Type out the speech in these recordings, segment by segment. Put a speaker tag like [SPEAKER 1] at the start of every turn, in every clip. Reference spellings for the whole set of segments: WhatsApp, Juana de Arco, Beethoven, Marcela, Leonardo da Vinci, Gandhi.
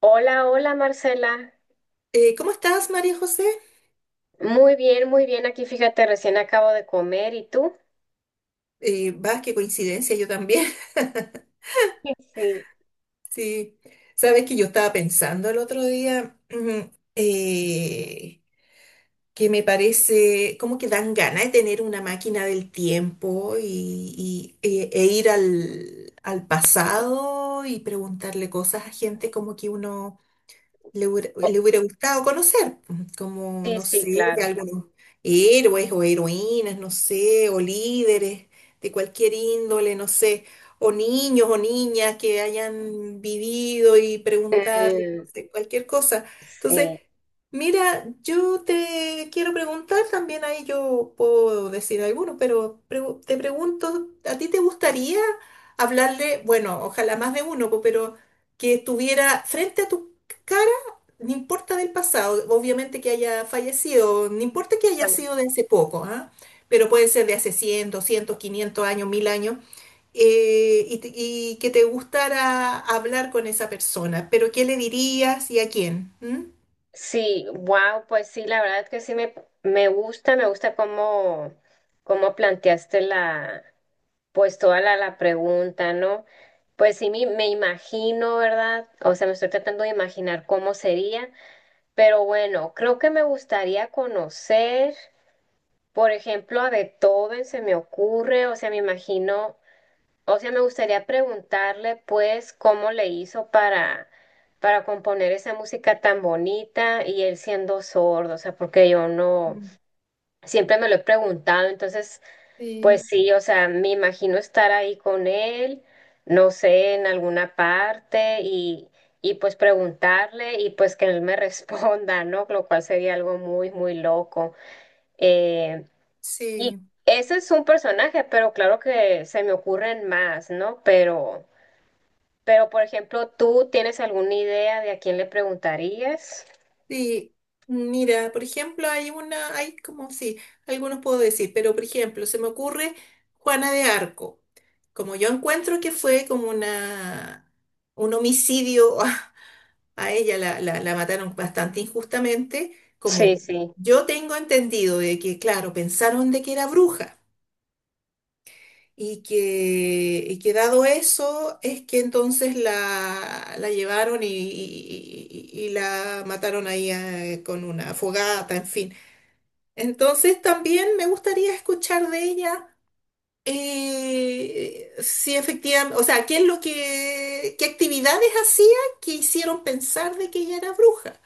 [SPEAKER 1] Hola, hola Marcela.
[SPEAKER 2] ¿Cómo estás, María José?
[SPEAKER 1] Muy bien, muy bien. Aquí fíjate, recién acabo de comer. ¿Y tú?
[SPEAKER 2] Qué coincidencia, yo también.
[SPEAKER 1] Sí.
[SPEAKER 2] Sí, sabes que yo estaba pensando el otro día ujú, que me parece como que dan ganas de tener una máquina del tiempo e ir al pasado y preguntarle cosas a gente como que uno
[SPEAKER 1] Oh,
[SPEAKER 2] le hubiera gustado conocer, pues, como,
[SPEAKER 1] sí,
[SPEAKER 2] no
[SPEAKER 1] sí,
[SPEAKER 2] sé,
[SPEAKER 1] claro.
[SPEAKER 2] algunos héroes o heroínas, no sé, o líderes de cualquier índole, no sé, o niños o niñas que hayan vivido y preguntarle, no
[SPEAKER 1] Mm,
[SPEAKER 2] sé, cualquier cosa. Entonces,
[SPEAKER 1] sí.
[SPEAKER 2] mira, yo te quiero preguntar, también ahí yo puedo decir algunos, pero te pregunto, ¿a ti te gustaría hablarle, bueno, ojalá más de uno, po, pero que estuviera frente a tu cara? No importa del pasado, obviamente que haya fallecido, no importa que haya
[SPEAKER 1] Ajá.
[SPEAKER 2] sido de hace poco, ¿ah? Pero puede ser de hace 100, 200, 500 años, 1000 años, y que te gustara hablar con esa persona. Pero ¿qué le dirías y a quién? ¿Mm?
[SPEAKER 1] Sí, wow, pues sí, la verdad que sí me gusta, me gusta cómo planteaste pues toda la pregunta, ¿no? Pues sí, me imagino, ¿verdad? O sea, me estoy tratando de imaginar cómo sería, pero bueno, creo que me gustaría conocer. Por ejemplo, a Beethoven se me ocurre, o sea, me imagino, o sea, me gustaría preguntarle, pues, cómo le hizo para componer esa música tan bonita y él siendo sordo, o sea, porque yo no,
[SPEAKER 2] Mm.
[SPEAKER 1] siempre me lo he preguntado, entonces,
[SPEAKER 2] Sí.
[SPEAKER 1] pues sí, o sea, me imagino estar ahí con él, no sé, en alguna parte y pues preguntarle y pues que él me responda, ¿no? Lo cual sería algo muy, muy loco. Em, y
[SPEAKER 2] Sí,
[SPEAKER 1] ese es un personaje, pero claro que se me ocurren más, ¿no? Pero por ejemplo, ¿tú tienes alguna idea de a quién le preguntarías?
[SPEAKER 2] sí. Mira, por ejemplo, hay como, sí, algunos puedo decir, pero por ejemplo, se me ocurre Juana de Arco. Como yo encuentro que fue como una, un homicidio. A ella la mataron bastante injustamente,
[SPEAKER 1] Sí,
[SPEAKER 2] como
[SPEAKER 1] sí,
[SPEAKER 2] yo tengo entendido de que, claro, pensaron de que era bruja y que dado eso es que entonces la llevaron y la mataron ahí con una fogata, en fin. Entonces también me gustaría escuchar de ella. Eh, si efectivamente, o sea, ¿qué es lo que, qué actividades hacía que hicieron pensar de que ella era bruja?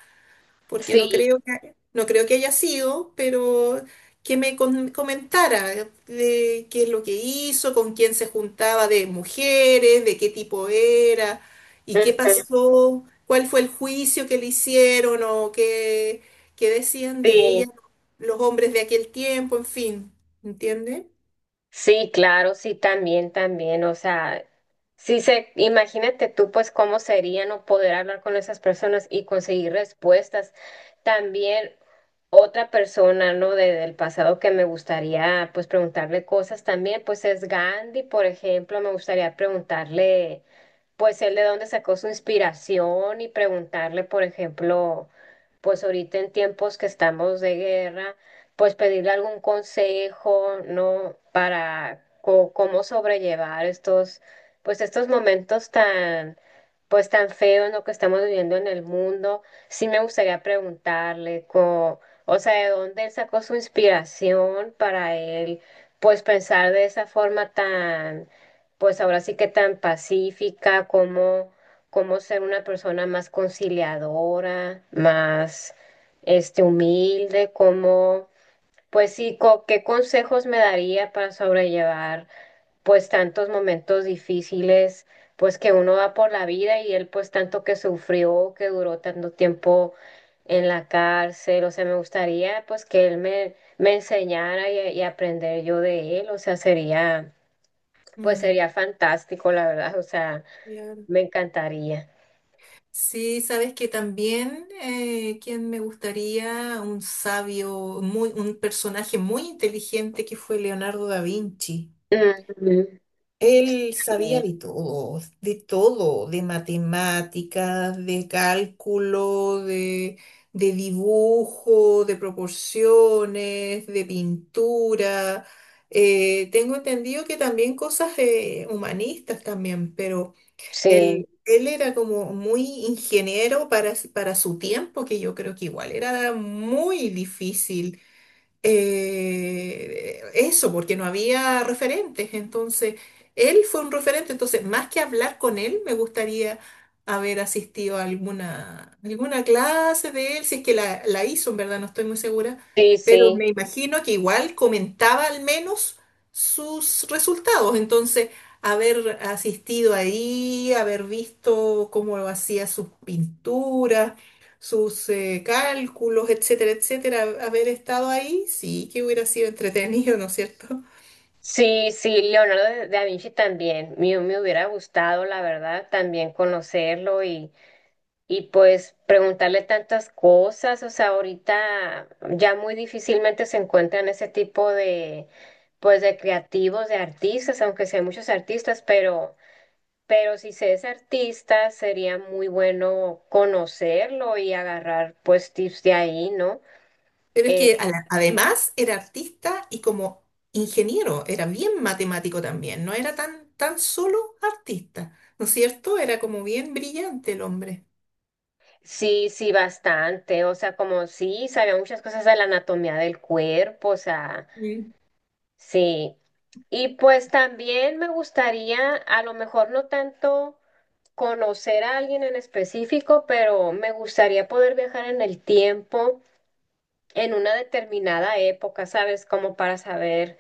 [SPEAKER 2] Porque
[SPEAKER 1] sí,
[SPEAKER 2] no creo que haya sido, pero que me comentara de qué es lo que hizo, con quién se juntaba de mujeres, de qué tipo era y qué
[SPEAKER 1] ujú,
[SPEAKER 2] pasó, cuál fue el juicio que le hicieron o qué, qué decían de
[SPEAKER 1] sí.
[SPEAKER 2] ella los hombres de aquel tiempo, en fin, ¿entiende?
[SPEAKER 1] Sí, claro, sí, también, también, o sea, sí se, imagínate tú pues cómo sería no poder hablar con esas personas y conseguir respuestas. También otra persona, ¿no? De, del pasado que me gustaría pues preguntarle cosas también, pues es Gandhi, por ejemplo, me gustaría preguntarle pues él de dónde sacó su inspiración y preguntarle, por ejemplo, pues ahorita en tiempos que estamos de guerra, pues pedirle algún consejo, ¿no? Para cómo sobrellevar estos, pues estos momentos tan pues tan feo en lo que estamos viviendo en el mundo, sí me gustaría preguntarle, o sea, de dónde él sacó su inspiración para él, pues pensar de esa forma tan, pues ahora sí que tan pacífica, como, como ser una persona más conciliadora, más, humilde, como, pues sí, ¿qué consejos me daría para sobrellevar? Pues tantos momentos difíciles, pues que uno va por la vida y él pues tanto que sufrió, que duró tanto tiempo en la cárcel, o sea, me gustaría pues que él me enseñara y aprender yo de él, o sea, sería, pues
[SPEAKER 2] Mm.
[SPEAKER 1] sería fantástico, la verdad, o sea,
[SPEAKER 2] Ya.
[SPEAKER 1] me encantaría.
[SPEAKER 2] Sí, sabes que también quien me gustaría, un sabio, muy, un personaje muy inteligente que fue Leonardo da Vinci.
[SPEAKER 1] Ujú.
[SPEAKER 2] Él sabía
[SPEAKER 1] Bien.
[SPEAKER 2] de todo, de todo, de matemáticas, de cálculo, de dibujo, de proporciones, de pintura. Tengo entendido que también cosas humanistas también, pero...
[SPEAKER 1] Sí,
[SPEAKER 2] Él era como muy ingeniero para su tiempo, que yo creo que igual era muy difícil eso, porque no había referentes. Entonces, él fue un referente. Entonces, más que hablar con él, me gustaría haber asistido a alguna clase de él, si es que la hizo, en verdad, no estoy muy segura,
[SPEAKER 1] sí,
[SPEAKER 2] pero
[SPEAKER 1] sí.
[SPEAKER 2] me imagino que igual comentaba al menos sus resultados. Entonces, haber asistido ahí, haber visto cómo hacía sus pinturas, sus cálculos, etcétera, etcétera, haber estado ahí, sí que hubiera sido entretenido, ¿no es cierto?
[SPEAKER 1] Sí, sí, Leonardo da Vinci también. Me hubiera gustado, la verdad, también conocerlo y pues preguntarle tantas cosas, o sea, ahorita ya muy difícilmente se encuentran ese tipo de, pues, de creativos, de artistas, aunque sí hay muchos artistas, pero si se es artista, sería muy bueno conocerlo y agarrar, pues, tips de ahí, ¿no?
[SPEAKER 2] Pero es
[SPEAKER 1] Eh,
[SPEAKER 2] que además era artista y como ingeniero, era bien matemático también, no era tan solo artista, ¿no es cierto? Era como bien brillante el hombre.
[SPEAKER 1] sí, sí, bastante, o sea, como sí, sabía muchas cosas de la anatomía del cuerpo, o sea,
[SPEAKER 2] Sí.
[SPEAKER 1] sí. Y pues también me gustaría, a lo mejor no tanto conocer a alguien en específico, pero me gustaría poder viajar en el tiempo, en una determinada época, ¿sabes? Como para saber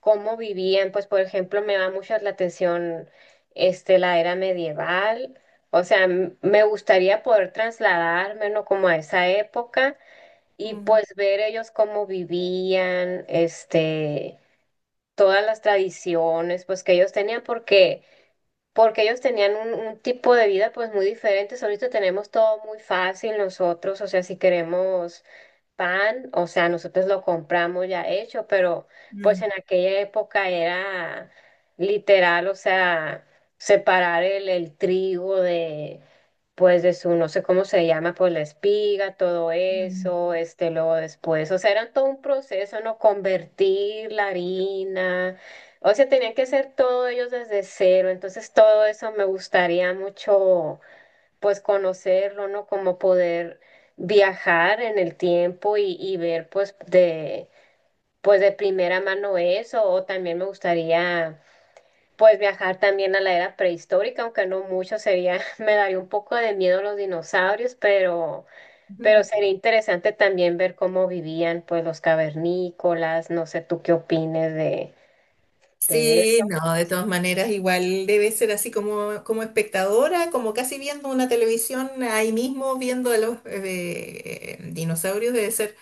[SPEAKER 1] cómo vivían. Pues, por ejemplo, me da mucho la atención la era medieval. O sea, me gustaría poder trasladarme, ¿no? Como a esa época y
[SPEAKER 2] Mm,
[SPEAKER 1] pues ver ellos cómo vivían, este, todas las tradiciones, pues que ellos tenían, porque ellos tenían un tipo de vida pues muy diferente. Ahorita tenemos todo muy fácil nosotros, o sea, si queremos pan, o sea, nosotros lo compramos ya hecho, pero pues
[SPEAKER 2] mm,
[SPEAKER 1] en aquella época era literal, o sea, separar el trigo de, pues de su, no sé cómo se llama, pues la espiga, todo
[SPEAKER 2] mm,
[SPEAKER 1] eso, este, luego después, o sea, era todo un proceso, ¿no? Convertir la harina, o sea, tenían que hacer todo ellos desde cero, entonces todo eso me gustaría mucho pues conocerlo, ¿no? Como poder viajar en el tiempo y ver pues pues de primera mano eso, o también me gustaría pues viajar también a la era prehistórica, aunque no mucho sería, me daría un poco de miedo los dinosaurios,
[SPEAKER 2] mm.
[SPEAKER 1] pero sería interesante también ver cómo vivían pues los cavernícolas, no sé tú qué opines de
[SPEAKER 2] Sí,
[SPEAKER 1] eso.
[SPEAKER 2] no, de todas maneras, igual debe ser así como, como espectadora, como casi viendo una televisión ahí mismo, viendo a los dinosaurios, debe ser,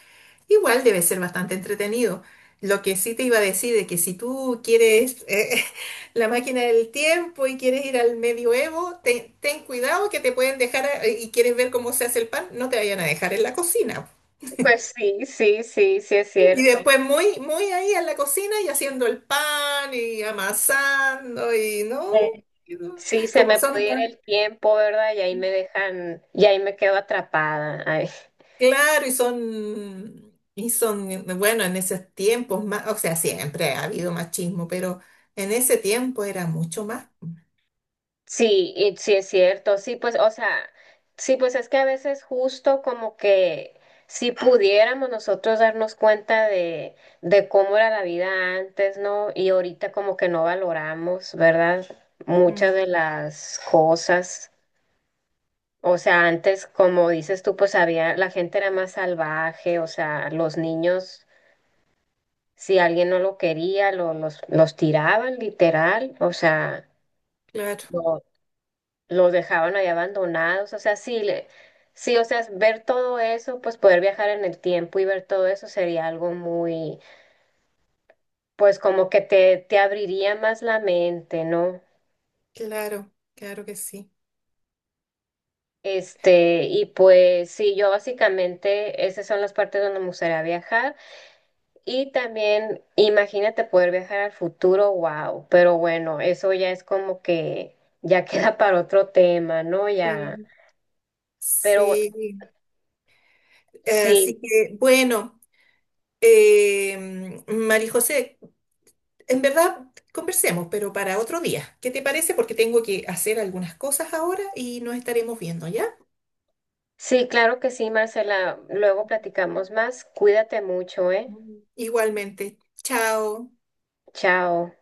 [SPEAKER 2] igual debe ser bastante entretenido. Lo que sí te iba a decir es que si tú quieres la máquina del tiempo y quieres ir al medioevo, ten cuidado que te pueden dejar y quieres ver cómo se hace el pan, no te vayan a dejar en la cocina.
[SPEAKER 1] Pues sí, sí, sí, sí es
[SPEAKER 2] Y
[SPEAKER 1] cierto.
[SPEAKER 2] después muy ahí en la cocina y haciendo el pan y amasando y no, y no,
[SPEAKER 1] Sí, se
[SPEAKER 2] como
[SPEAKER 1] me
[SPEAKER 2] son
[SPEAKER 1] puede ir
[SPEAKER 2] tan
[SPEAKER 1] el tiempo, ¿verdad? Y ahí me dejan, y ahí me quedo atrapada. Ay,
[SPEAKER 2] claro y son, bueno, en esos tiempos más, o sea, siempre ha habido machismo, pero en ese tiempo era mucho más.
[SPEAKER 1] sí, y sí es cierto, sí, pues, o sea, sí, pues es que a veces justo como que si pudiéramos nosotros darnos cuenta de cómo era la vida antes, ¿no? Y ahorita como que no valoramos, ¿verdad? Muchas de
[SPEAKER 2] Mm.
[SPEAKER 1] las cosas. O sea, antes, como dices tú, pues había, la gente era más salvaje, o sea, los niños. Si alguien no lo quería, los tiraban literal, o sea,
[SPEAKER 2] Claro,
[SPEAKER 1] lo- los dejaban ahí abandonados, o sea, sí, le, sí, o sea, ver todo eso, pues poder viajar en el tiempo y ver todo eso sería algo muy, pues como que te abriría más la mente, ¿no?
[SPEAKER 2] claro que sí.
[SPEAKER 1] Este, y pues sí, yo básicamente, esas son las partes donde me gustaría viajar. Y también imagínate poder viajar al futuro, wow, pero bueno, eso ya es como que ya queda para otro tema, ¿no? Ya,
[SPEAKER 2] Sí.
[SPEAKER 1] pero
[SPEAKER 2] Sí, así
[SPEAKER 1] sí,
[SPEAKER 2] que bueno, María José, en verdad, conversemos, pero para otro día. ¿Qué te parece? Porque tengo que hacer algunas cosas ahora y nos estaremos viendo, ¿ya?
[SPEAKER 1] sí, claro que sí, Marcela, luego platicamos más, cuídate mucho, ¿eh?
[SPEAKER 2] Mm. Igualmente. Chao.
[SPEAKER 1] Chao.